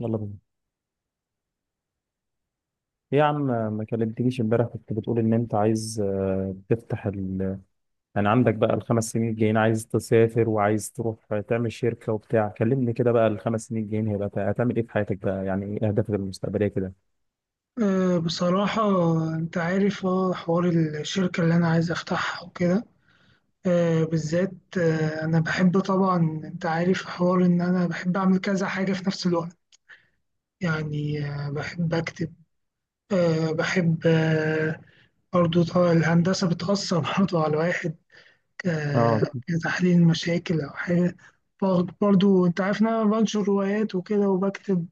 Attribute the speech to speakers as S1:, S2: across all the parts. S1: يلا بينا. إيه يا عم؟ ما كلمتنيش امبارح. كنت بتقول ان انت عايز، تفتح يعني عندك بقى الخمس سنين الجايين، عايز تسافر وعايز تروح تعمل شركة وبتاع. كلمني كده بقى، الخمس سنين الجايين هيبقى هتعمل ايه في حياتك بقى؟ يعني ايه اهدافك المستقبلية كده؟
S2: بصراحة، أنت عارف حوار الشركة اللي أنا عايز أفتحها وكده. بالذات أنا بحب طبعا. أنت عارف حوار إن أنا بحب أعمل كذا حاجة في نفس الوقت. يعني بحب أكتب، بحب برضو طبعا الهندسة بتأثر برضو على الواحد. أه
S1: اه.
S2: كتحليل مشاكل أو حاجة. برضو أنت عارف إن أنا بنشر روايات وكده وبكتب،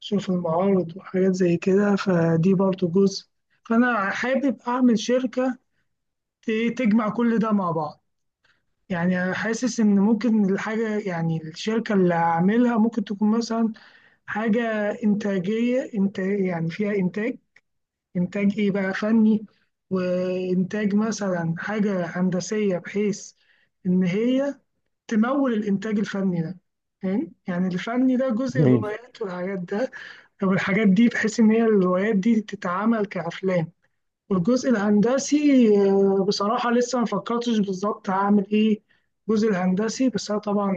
S2: شوف المعارض وحاجات زي كده، فدي برضو جزء. فأنا حابب أعمل شركة تجمع كل ده مع بعض. يعني أنا حاسس إن ممكن الحاجة، يعني الشركة اللي هعملها ممكن تكون مثلا حاجة إنتاجية، إنت يعني فيها إنتاج. إنتاج إيه بقى؟ فني، وإنتاج مثلا حاجة هندسية بحيث إن هي تمول الإنتاج الفني ده. فاهم؟ يعني الفني ده جزء
S1: جميل.
S2: الروايات والحاجات ده، طب الحاجات دي بحيث ان هي الروايات دي تتعمل كافلام. والجزء الهندسي بصراحه لسه ما فكرتش بالظبط هعمل ايه. الجزء الهندسي بس انا طبعا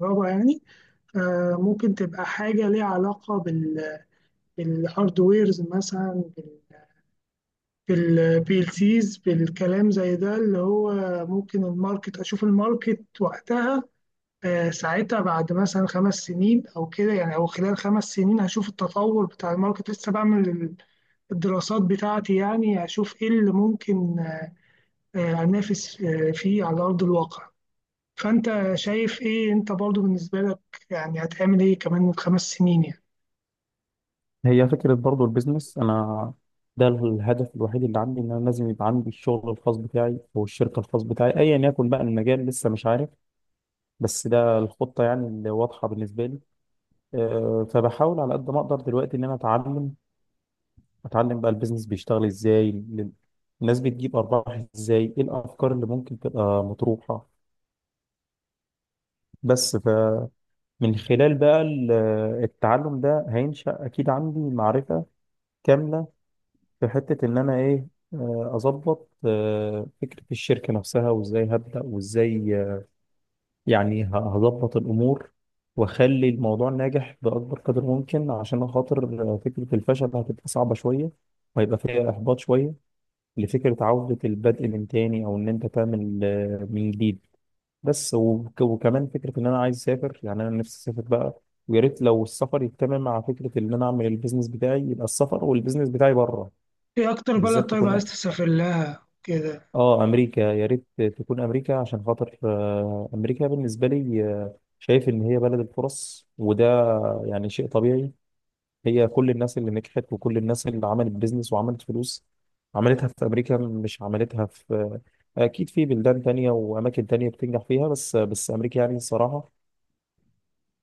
S2: كهرباء يعني. ممكن تبقى حاجه ليها علاقه بال، بالهاردويرز مثلا، بالبي ال سيز، بالكلام زي ده اللي هو ممكن الماركت، اشوف الماركت وقتها. ساعتها بعد مثلا 5 سنين او كده يعني، او خلال 5 سنين هشوف التطور بتاع الماركت، لسه بعمل الدراسات بتاعتي يعني، أشوف إيه اللي ممكن أنافس فيه على أرض الواقع. فأنت شايف إيه أنت برضو بالنسبة لك؟ يعني هتعمل إيه كمان من 5 سنين يعني؟
S1: هي فكرة برضو البيزنس. أنا ده الهدف الوحيد اللي عندي، إن أنا لازم يبقى عندي الشغل الخاص بتاعي أو الشركة الخاص بتاعي، أيا يكن بقى المجال، لسه مش عارف. بس ده الخطة يعني اللي واضحة بالنسبة لي. فبحاول على قد ما اقدر دلوقتي ان انا اتعلم بقى البيزنس بيشتغل ازاي، الناس بتجيب ارباح ازاي، ايه الافكار اللي ممكن تبقى مطروحه. بس فمن خلال بقى التعلم ده هينشأ اكيد عندي معرفه كامله في حته، ان انا ايه، اظبط فكره الشركه نفسها وازاي هبدأ وازاي، يعني هظبط الأمور وأخلي الموضوع ناجح بأكبر قدر ممكن، عشان خاطر فكرة الفشل هتبقى صعبة شوية وهيبقى فيها إحباط شوية لفكرة عودة البدء من تاني، أو إن أنت تعمل من جديد. بس وكمان فكرة إن أنا عايز أسافر، يعني أنا نفسي أسافر بقى، ويا ريت لو السفر يتم مع فكرة إن أنا أعمل البيزنس بتاعي، يبقى السفر والبيزنس بتاعي بره.
S2: إيه أكتر بلد
S1: بالذات
S2: طيب عايز
S1: تكون،
S2: تسافر لها كده؟
S1: اه امريكا. يا ريت تكون امريكا عشان خاطر، امريكا بالنسبه لي، شايف ان هي بلد الفرص. وده يعني شيء طبيعي. هي كل الناس اللي نجحت وكل الناس اللي عملت بيزنس وعملت فلوس عملتها في امريكا، مش عملتها في، اكيد في بلدان تانية واماكن تانية بتنجح فيها، بس امريكا يعني الصراحه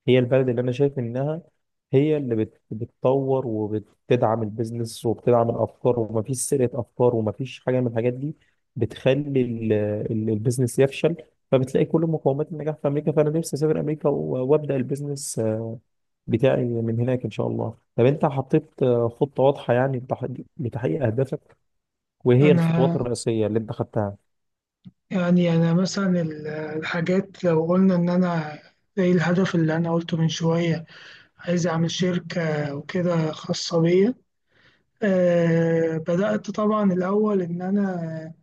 S1: هي البلد اللي انا شايف انها هي اللي بتطور وبتدعم البيزنس وبتدعم الافكار، ومفيش سرقه افكار، ومفيش حاجه من الحاجات دي بتخلي البيزنس يفشل. فبتلاقي كل مقومات النجاح في امريكا، فانا نفسي اسافر امريكا وابدا البيزنس بتاعي من هناك ان شاء الله. طب انت حطيت خطه واضحه يعني لتحقيق اهدافك، وهي الخطوات
S2: أنا،
S1: الرئيسيه اللي انت خدتها؟
S2: يعني أنا مثلا الحاجات لو قلنا إن أنا زي الهدف اللي أنا قلته من شوية، عايز أعمل شركة وكده خاصة بيا. بدأت طبعا الأول إن أنا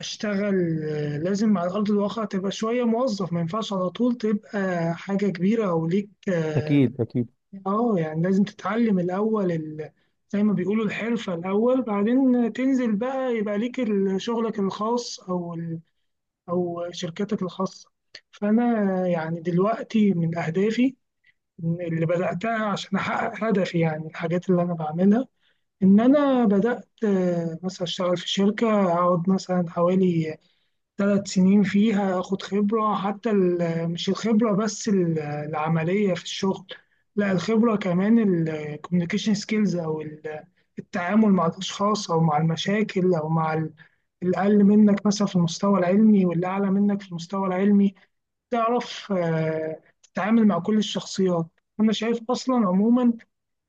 S2: اشتغل. لازم على أرض الواقع تبقى شوية موظف، ما ينفعش على طول تبقى حاجة كبيرة أو ليك اه.
S1: اكيد. اكيد.
S2: يعني لازم تتعلم الأول زي ما بيقولوا الحرفة الأول، بعدين تنزل بقى يبقى ليك شغلك الخاص، أو أو شركتك الخاصة. فأنا يعني دلوقتي من أهدافي اللي بدأتها عشان أحقق هدفي، يعني الحاجات اللي أنا بعملها إن أنا بدأت مثلا أشتغل في شركة أقعد مثلا حوالي 3 سنين فيها، اخد خبرة. حتى مش الخبرة بس العملية في الشغل، لا الخبرة كمان. الكوميونيكيشن سكيلز او التعامل مع الاشخاص او مع المشاكل او مع الأقل منك مثلا في المستوى العلمي واللي أعلى منك في المستوى العلمي. تعرف تتعامل مع كل الشخصيات. أنا شايف أصلا عموما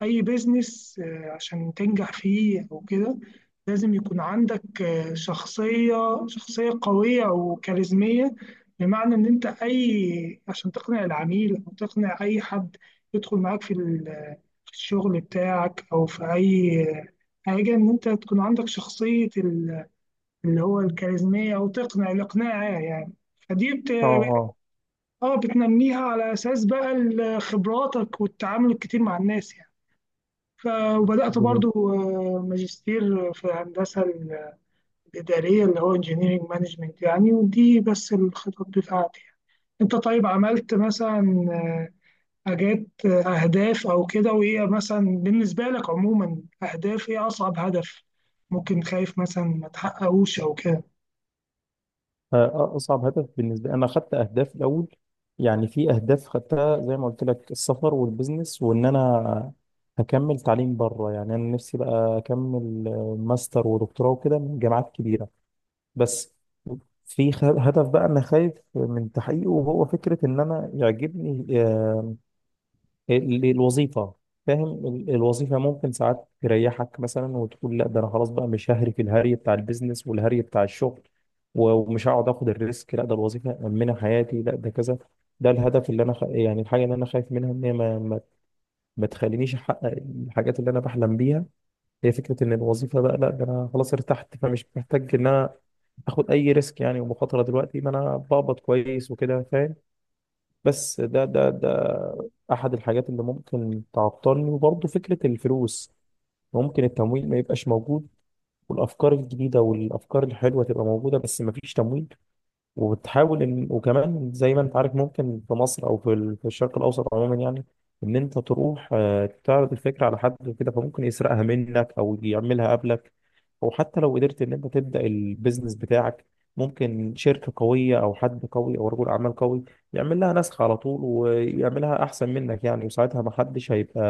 S2: أي بيزنس عشان تنجح فيه أو كده لازم يكون عندك شخصية شخصية قوية وكاريزمية. بمعنى إن أنت أي عشان تقنع العميل أو تقنع أي حد يدخل معاك في في الشغل بتاعك أو في أي حاجة، إن أنت تكون عندك شخصية اللي هو الكاريزمية، أو تقنع، الإقناع يعني. فدي
S1: اه. اه.
S2: اه بتنميها على اساس بقى خبراتك والتعامل الكتير مع الناس يعني. ف- وبدأت برضو ماجستير في الهندسة الإدارية اللي هو انجينيرنج مانجمنت يعني، ودي بس الخطط بتاعتي يعني. انت طيب عملت مثلا آه، حاجات أهداف أو كده؟ وإيه مثلا بالنسبة لك عموما أهداف، إيه أصعب هدف ممكن خايف مثلا ما تحققوش أو كده؟
S1: فأصعب هدف بالنسبة لي، أنا خدت أهداف الأول. يعني في أهداف خدتها زي ما قلت لك: السفر والبزنس، وإن أنا هكمل تعليم بره، يعني أنا نفسي بقى أكمل ماستر ودكتوراه وكده من جامعات كبيرة. بس في هدف بقى أنا خايف من تحقيقه، وهو فكرة إن أنا يعجبني، الوظيفة. فاهم، الوظيفة ممكن ساعات تريحك مثلا وتقول: لا، ده أنا خلاص بقى مش ههري في الهري بتاع البيزنس والهري بتاع الشغل، ومش هقعد آخد الريسك، لا ده الوظيفة مأمنة حياتي، لا ده كذا. ده الهدف اللي أنا يعني الحاجة اللي أنا خايف منها إن هي ما تخلينيش أحقق الحاجات اللي أنا بحلم بيها. هي فكرة إن الوظيفة بقى، لا ده أنا خلاص ارتحت فمش محتاج إن أنا آخد أي ريسك يعني ومخاطرة، دلوقتي ما أنا بقبض كويس وكده. بس ده احد الحاجات اللي ممكن تعطلني. وبرضه فكره الفلوس، ممكن التمويل ما يبقاش موجود، والافكار الجديده والافكار الحلوه تبقى موجوده بس ما فيش تمويل. وبتحاول ان، وكمان زي ما انت عارف، ممكن في مصر او في في الشرق الاوسط عموما يعني، ان انت تروح تعرض الفكره على حد وكده، فممكن يسرقها منك او يعملها قبلك. او حتى لو قدرت ان انت تبدا البيزنس بتاعك، ممكن شركه قويه او حد قوي او رجل اعمال قوي يعمل لها نسخ على طول ويعملها احسن منك يعني، وساعتها ما حدش هيبقى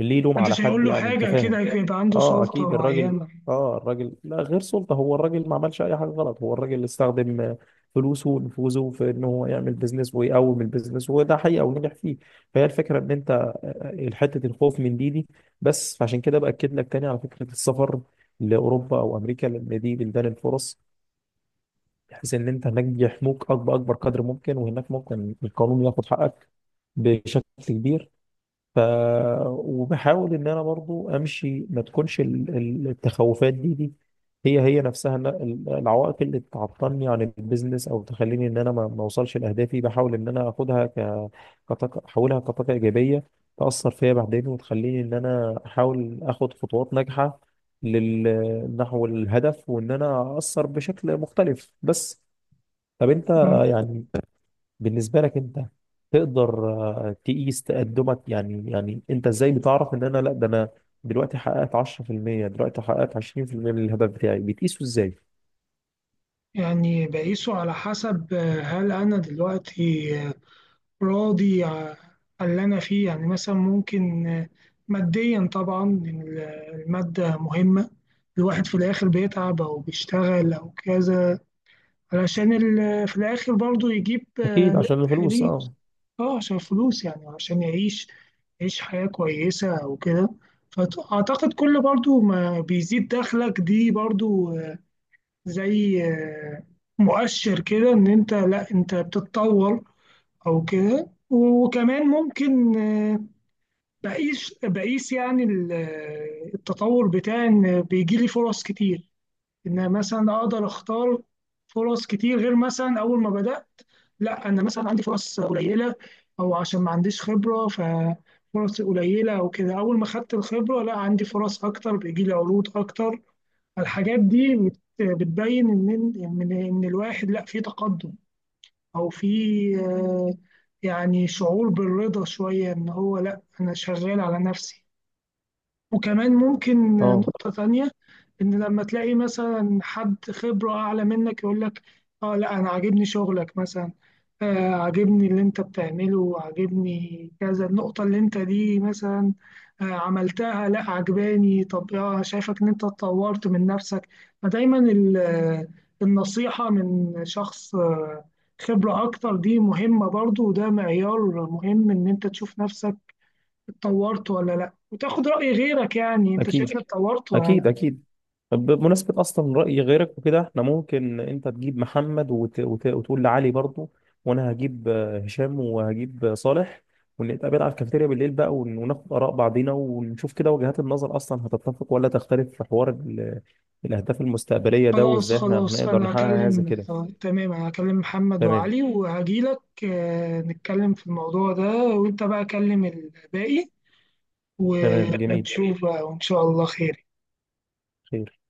S1: اللي يلوم على
S2: محدش هيقول
S1: حد.
S2: له
S1: يعني انت
S2: حاجة،
S1: فاهم.
S2: كده يبقى عنده
S1: اه
S2: سلطة
S1: اكيد. الراجل،
S2: معينة.
S1: اه، الراجل لا غير سلطة. هو الراجل ما عملش اي حاجة غلط. هو الراجل اللي استخدم فلوسه ونفوذه في ان هو يعمل بيزنس ويقوم البيزنس، وده حقيقة ونجح فيه. فهي الفكرة ان انت، حتة الخوف من دي. بس فعشان كده بأكد لك تاني على فكرة السفر لأوروبا أو أمريكا، لأن دي بلدان الفرص، بحيث ان انت هناك يحموك أكبر أكبر قدر ممكن، وهناك ممكن القانون ياخد حقك بشكل كبير. ف وبحاول ان انا برضو امشي، ما تكونش التخوفات دي هي هي نفسها إن العوائق اللي تعطلني عن البيزنس او تخليني ان انا ما اوصلش لاهدافي. بحاول ان انا اخدها كطاقه، احولها كطاقه ايجابيه تاثر فيا بعدين وتخليني ان انا احاول اخد خطوات ناجحه نحو الهدف، وان انا اثر بشكل مختلف. بس طب انت، يعني بالنسبة لك انت، تقدر تقيس تقدمك؟ يعني انت ازاي بتعرف ان انا لا ده انا دلوقتي حققت 10%، دلوقتي حققت 20% من الهدف بتاعي؟ بتقيسه ازاي؟
S2: يعني بقيسه على حسب هل أنا دلوقتي راضي على اللي أنا فيه، يعني مثلا ممكن ماديا طبعا، إن المادة مهمة. الواحد في الآخر بيتعب أو بيشتغل أو كذا علشان في الآخر برضه يجيب
S1: اكيد عشان
S2: ربح
S1: الفلوس.
S2: ليه.
S1: اه.
S2: اه، عشان فلوس يعني، عشان يعيش، يعيش حياة كويسة أو كده. فأعتقد كل برضه ما بيزيد دخلك دي برضه زي مؤشر كده ان انت، لا انت بتتطور او كده. وكمان ممكن بقيس يعني التطور بتاعي ان بيجي لي فرص كتير، ان مثلا اقدر اختار فرص كتير غير مثلا اول ما بدأت. لا، انا مثلا عندي فرص قليلة او عشان ما عنديش خبرة ففرص قليلة او كده، اول ما خدت الخبرة لا عندي فرص اكتر، بيجي لي عروض اكتر. الحاجات دي بتبين ان الواحد، لا في تقدم، او في آه، يعني شعور بالرضا شويه ان هو، لا انا شغال على نفسي. وكمان ممكن
S1: اه.
S2: نقطة تانية إن لما تلاقي مثلا حد خبرة أعلى منك يقول لك: آه لا أنا عاجبني شغلك مثلا، آه عاجبني اللي أنت بتعمله، عاجبني كذا، النقطة اللي أنت دي مثلا آه عملتها لا عجباني، طب آه شايفك إن أنت اتطورت من نفسك. فدايما النصيحة من شخص خبرة أكتر دي مهمة برضو، وده معيار مهم إن أنت تشوف نفسك اتطورت ولا لا، وتاخد رأي غيرك، يعني انت شايف
S1: اكيد.
S2: إني اتطورت ولا لا؟
S1: اكيد. اكيد. طب بمناسبة أصلا رأي غيرك وكده، احنا ممكن أنت تجيب محمد وتقول لعلي برضو، وأنا هجيب هشام وهجيب صالح، ونتقابل على الكافيتيريا بالليل بقى وناخد آراء بعضينا، ونشوف كده وجهات النظر أصلا هتتفق ولا تختلف في حوار الأهداف المستقبلية ده،
S2: خلاص
S1: وإزاي احنا
S2: خلاص،
S1: هنقدر
S2: انا
S1: نحقق حاجة زي
S2: هكلم
S1: كده.
S2: تمام، انا هكلم محمد
S1: تمام.
S2: وعلي وهجيلك نتكلم في الموضوع ده. وانت بقى كلم الباقي،
S1: تمام. جميل.
S2: ونشوف بقى، وان شاء الله خير.
S1: خير.